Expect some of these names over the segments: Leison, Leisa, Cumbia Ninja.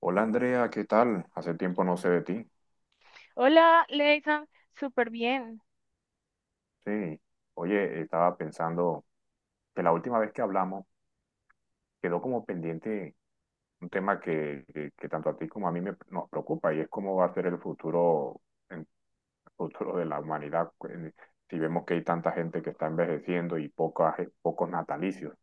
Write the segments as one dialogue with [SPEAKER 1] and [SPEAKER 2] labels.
[SPEAKER 1] Hola Andrea, ¿qué tal? Hace tiempo no sé de ti.
[SPEAKER 2] Hola, Leison, súper bien.
[SPEAKER 1] Sí, oye, estaba pensando que la última vez que hablamos quedó como pendiente un tema que tanto a ti como a nos preocupa y es cómo va a ser el futuro de la humanidad si vemos que hay tanta gente que está envejeciendo y pocos natalicios.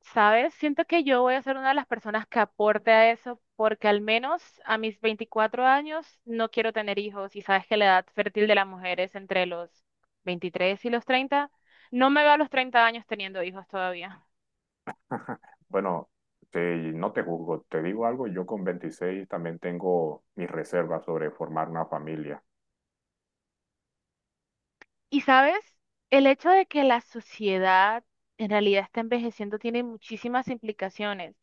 [SPEAKER 2] ¿Sabes? Siento que yo voy a ser una de las personas que aporte a eso, porque al menos a mis 24 años no quiero tener hijos y sabes que la edad fértil de las mujeres entre los 23 y los 30, no me veo a los 30 años teniendo hijos todavía.
[SPEAKER 1] Bueno, no te juzgo, te digo algo, yo con 26 también tengo mis reservas sobre formar una familia.
[SPEAKER 2] Y sabes, el hecho de que la sociedad en realidad está envejeciendo tiene muchísimas implicaciones.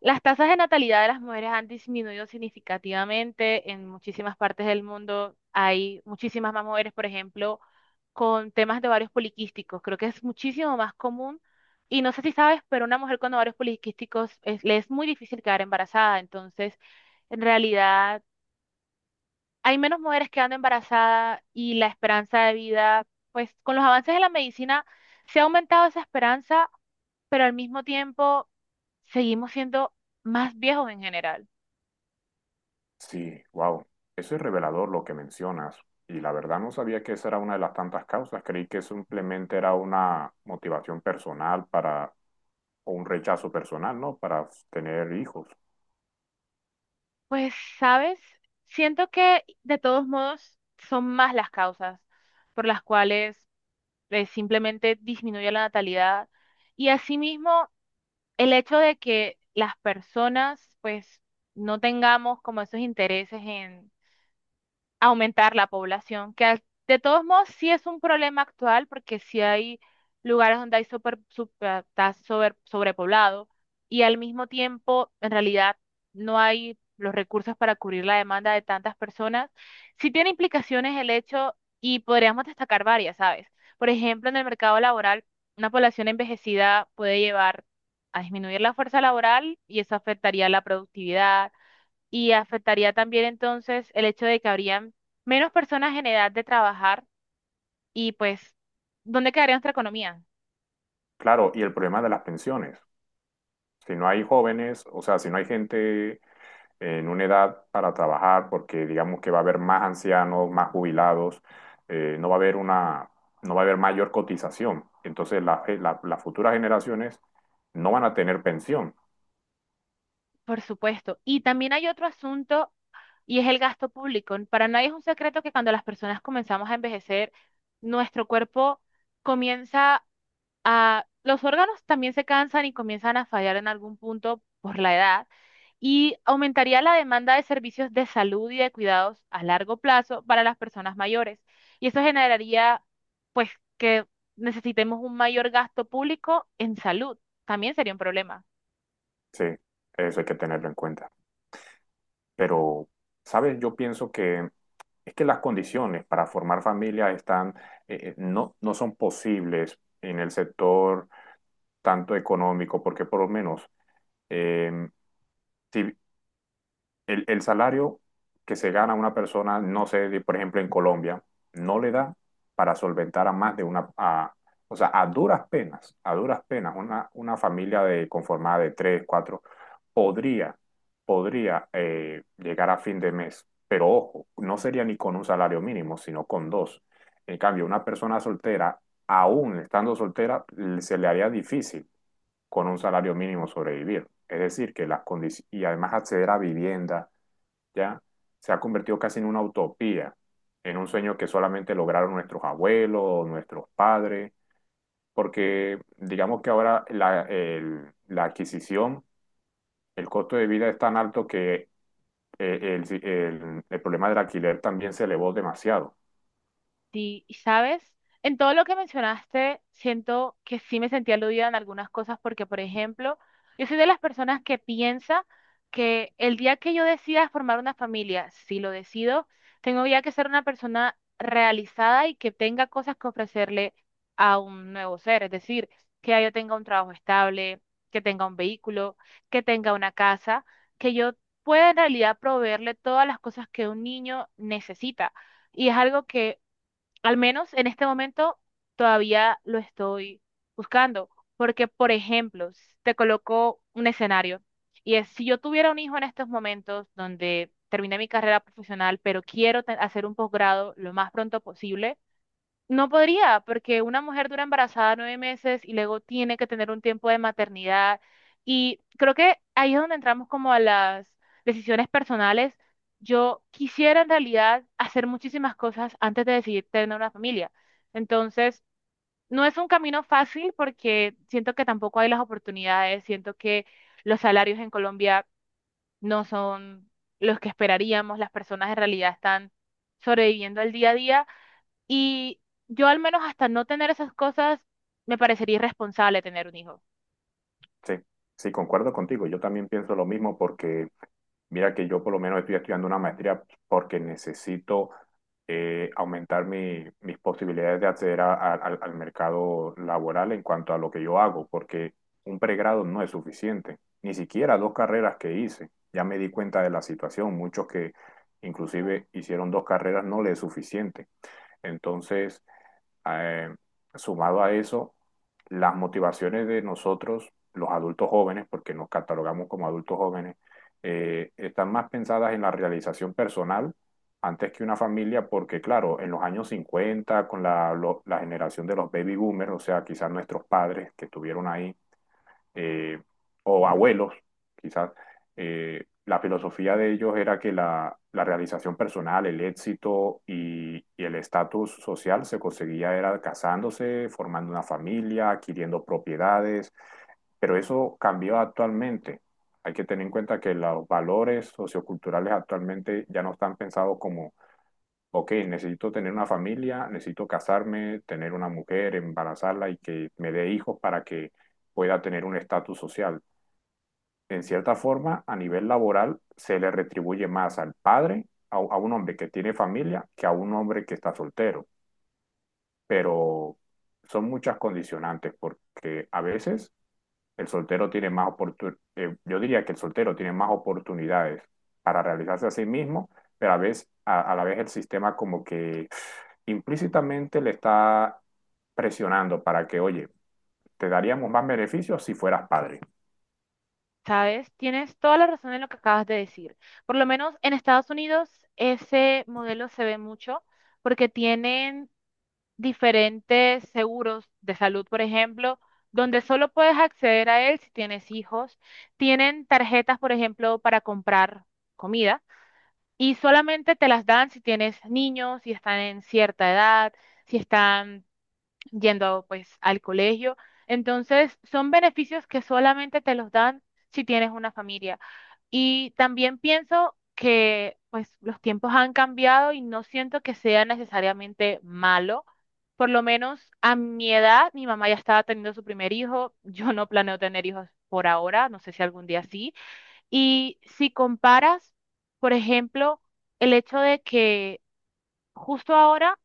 [SPEAKER 2] Las tasas de natalidad de las mujeres han disminuido significativamente en muchísimas partes del mundo. Hay muchísimas más mujeres, por ejemplo, con temas de ovarios poliquísticos. Creo que es muchísimo más común. Y no sé si sabes, pero una mujer con ovarios poliquísticos le es muy difícil quedar embarazada. Entonces, en realidad hay menos mujeres quedando embarazadas y la esperanza de vida, pues con los avances de la medicina se ha aumentado esa esperanza, pero al mismo tiempo seguimos siendo más viejos en general.
[SPEAKER 1] Sí, wow. Eso es revelador lo que mencionas. Y la verdad no sabía que esa era una de las tantas causas. Creí que simplemente era una motivación personal para, o un rechazo personal, ¿no? Para tener hijos.
[SPEAKER 2] Pues, ¿sabes? Siento que de todos modos son más las causas por las cuales simplemente disminuye la natalidad y asimismo el hecho de que las personas pues no tengamos como esos intereses en aumentar la población, que de todos modos sí es un problema actual porque sí hay lugares donde hay está sobrepoblado y al mismo tiempo en realidad no hay los recursos para cubrir la demanda de tantas personas. Sí tiene implicaciones el hecho y podríamos destacar varias, ¿sabes? Por ejemplo, en el mercado laboral, una población envejecida puede llevar a disminuir la fuerza laboral y eso afectaría la productividad y afectaría también entonces el hecho de que habrían menos personas en edad de trabajar y pues, ¿dónde quedaría nuestra economía?
[SPEAKER 1] Claro, y el problema de las pensiones. Si no hay jóvenes, o sea, si no hay gente en una edad para trabajar, porque digamos que va a haber más ancianos, más jubilados, no va a haber no va a haber mayor cotización. Entonces las futuras generaciones no van a tener pensión.
[SPEAKER 2] Por supuesto. Y también hay otro asunto y es el gasto público. Para nadie es un secreto que cuando las personas comenzamos a envejecer, nuestro cuerpo comienza los órganos también se cansan y comienzan a fallar en algún punto por la edad y aumentaría la demanda de servicios de salud y de cuidados a largo plazo para las personas mayores. Y eso generaría, pues, que necesitemos un mayor gasto público en salud. También sería un problema.
[SPEAKER 1] Sí, eso hay que tenerlo en cuenta. Pero, ¿sabes? Yo pienso que es que las condiciones para formar familia están, no son posibles en el sector tanto económico, porque por lo menos, eh, si el salario que se gana una persona, no sé, por ejemplo, en Colombia, no le da para solventar a más de una, o sea, a duras penas, una familia de, conformada de tres, cuatro, podría, podría llegar a fin de mes, pero ojo, no sería ni con un salario mínimo, sino con dos. En cambio, una persona soltera, aún estando soltera, se le haría difícil con un salario mínimo sobrevivir. Es decir, que las condiciones, y además acceder a vivienda, ¿ya? Se ha convertido casi en una utopía, en un sueño que solamente lograron nuestros abuelos, nuestros padres, porque digamos que ahora la adquisición, el costo de vida es tan alto que el problema del alquiler también se elevó demasiado.
[SPEAKER 2] Sí, y ¿sabes? En todo lo que mencionaste, siento que sí me sentí aludida en algunas cosas porque, por ejemplo, yo soy de las personas que piensa que el día que yo decida formar una familia, si lo decido, tengo ya que ser una persona realizada y que tenga cosas que ofrecerle a un nuevo ser. Es decir, que ya yo tenga un trabajo estable, que tenga un vehículo, que tenga una casa, que yo pueda en realidad proveerle todas las cosas que un niño necesita. Y es algo que al menos en este momento todavía lo estoy buscando, porque, por ejemplo, te coloco un escenario y es, si yo tuviera un hijo en estos momentos donde terminé mi carrera profesional, pero quiero hacer un posgrado lo más pronto posible, no podría, porque una mujer dura embarazada 9 meses y luego tiene que tener un tiempo de maternidad. Y creo que ahí es donde entramos como a las decisiones personales. Yo quisiera en realidad hacer muchísimas cosas antes de decidir tener una familia. Entonces, no es un camino fácil porque siento que tampoco hay las oportunidades, siento que los salarios en Colombia no son los que esperaríamos, las personas en realidad están sobreviviendo al día a día y yo al menos hasta no tener esas cosas, me parecería irresponsable tener un hijo,
[SPEAKER 1] Sí, sí, concuerdo contigo. Yo también pienso lo mismo porque mira que yo por lo menos estoy estudiando una maestría porque necesito aumentar mis posibilidades de acceder al al mercado laboral en cuanto a lo que yo hago, porque un pregrado no es suficiente, ni siquiera dos carreras que hice. Ya me di cuenta de la situación, muchos que inclusive hicieron dos carreras no les es suficiente. Entonces, eh, sumado a eso, las motivaciones de nosotros, los adultos jóvenes, porque nos catalogamos como adultos jóvenes, están más pensadas en la realización personal antes que una familia, porque claro, en los años 50 con la generación de los baby boomers, o sea, quizás nuestros padres que estuvieron ahí, eh, o abuelos, quizás, la filosofía de ellos era que la realización personal, el éxito y el estatus social se conseguía era casándose, formando una familia, adquiriendo propiedades, pero eso cambió actualmente. Hay que tener en cuenta que los valores socioculturales actualmente ya no están pensados como ok, necesito tener una familia, necesito casarme, tener una mujer, embarazarla y que me dé hijos para que pueda tener un estatus social. En cierta forma, a nivel laboral, se le retribuye más al padre, a un hombre que tiene familia, que a un hombre que está soltero. Pero son muchas condicionantes porque a veces el soltero tiene más oportunidades, yo diría que el soltero tiene más oportunidades para realizarse a sí mismo, pero a la vez el sistema como que implícitamente le está presionando para que, oye, te daríamos más beneficios si fueras padre.
[SPEAKER 2] ¿sabes? Tienes toda la razón en lo que acabas de decir. Por lo menos en Estados Unidos ese modelo se ve mucho porque tienen diferentes seguros de salud, por ejemplo, donde solo puedes acceder a él si tienes hijos. Tienen tarjetas, por ejemplo, para comprar comida y solamente te las dan si tienes niños, si están en cierta edad si están yendo pues al colegio. Entonces, son beneficios que solamente te los dan si tienes una familia. Y también pienso que pues los tiempos han cambiado y no siento que sea necesariamente malo. Por lo menos a mi edad, mi mamá ya estaba teniendo su primer hijo, yo no planeo tener hijos por ahora, no sé si algún día sí. Y si comparas, por ejemplo, el hecho de que justo ahora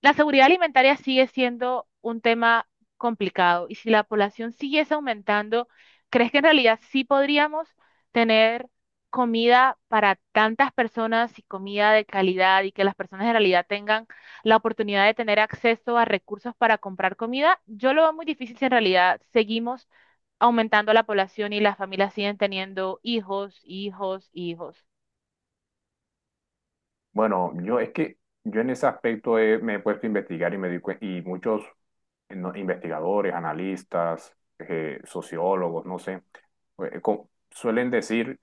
[SPEAKER 2] la seguridad alimentaria sigue siendo un tema complicado y si la población siguiese aumentando, ¿crees que en realidad sí podríamos tener comida para tantas personas y comida de calidad y que las personas en realidad tengan la oportunidad de tener acceso a recursos para comprar comida? Yo lo veo muy difícil si en realidad seguimos aumentando la población y las familias siguen teniendo hijos, hijos, hijos.
[SPEAKER 1] Bueno, yo es que yo en ese aspecto me he puesto a investigar y me y muchos no, investigadores, analistas, sociólogos, no sé, suelen decir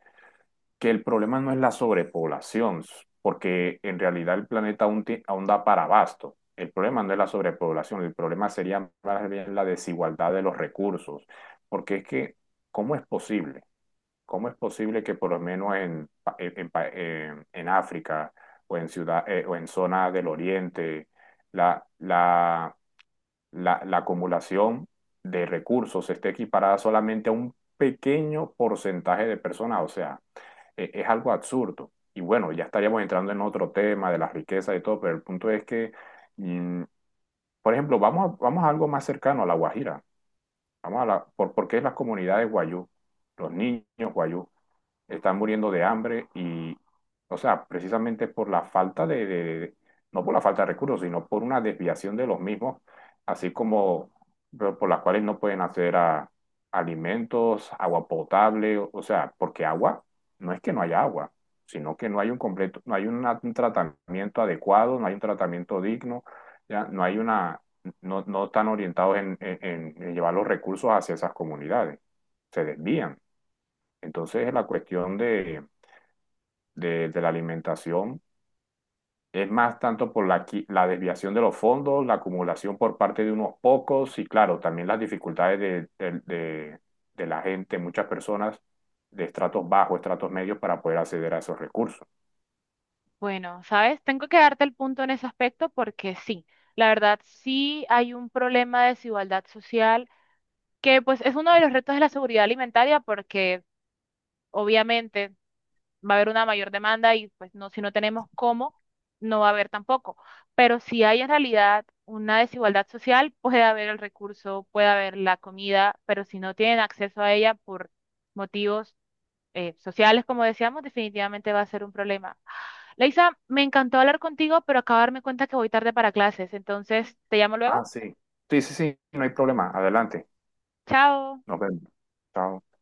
[SPEAKER 1] que el problema no es la sobrepoblación, porque en realidad el planeta aún da para abasto. El problema no es la sobrepoblación, el problema sería más bien la desigualdad de los recursos, porque es que, ¿cómo es posible? ¿Cómo es posible que por lo menos en África o en ciudad, o en zonas del Oriente la, la, la acumulación de recursos esté equiparada solamente a un pequeño porcentaje de personas? O sea, es algo absurdo. Y bueno, ya estaríamos entrando en otro tema de la riqueza y todo, pero el punto es que, mm, por ejemplo, vamos a algo más cercano a la Guajira. Vamos a porque es las comunidades guayú, los niños guayú están muriendo de hambre y, o sea, precisamente por la falta no por la falta de recursos, sino por una desviación de los mismos, así como pero por las cuales no pueden acceder a alimentos, agua potable, o sea, porque agua, no es que no haya agua, sino que no hay un completo, no hay un tratamiento adecuado, no hay un tratamiento digno, ya, no hay una, no, no están orientados en en llevar los recursos hacia esas comunidades, se desvían. Entonces, la cuestión de la alimentación es más tanto por la desviación de los fondos, la acumulación por parte de unos pocos y, claro, también las dificultades de la gente, muchas personas de estratos bajos, estratos medios, para poder acceder a esos recursos.
[SPEAKER 2] Bueno, sabes, tengo que darte el punto en ese aspecto porque sí, la verdad sí hay un problema de desigualdad social que pues es uno de los retos de la seguridad alimentaria porque obviamente va a haber una mayor demanda y pues no, si no tenemos cómo, no va a haber tampoco. Pero si hay en realidad una desigualdad social, puede haber el recurso, puede haber la comida, pero si no tienen acceso a ella por motivos sociales, como decíamos, definitivamente va a ser un problema. Leisa, me encantó hablar contigo, pero acabo de darme cuenta que voy tarde para clases. Entonces, te llamo luego.
[SPEAKER 1] Ah, sí. Sí, sí, sí, no hay problema. Adelante.
[SPEAKER 2] Chao.
[SPEAKER 1] Nos vemos. Chao.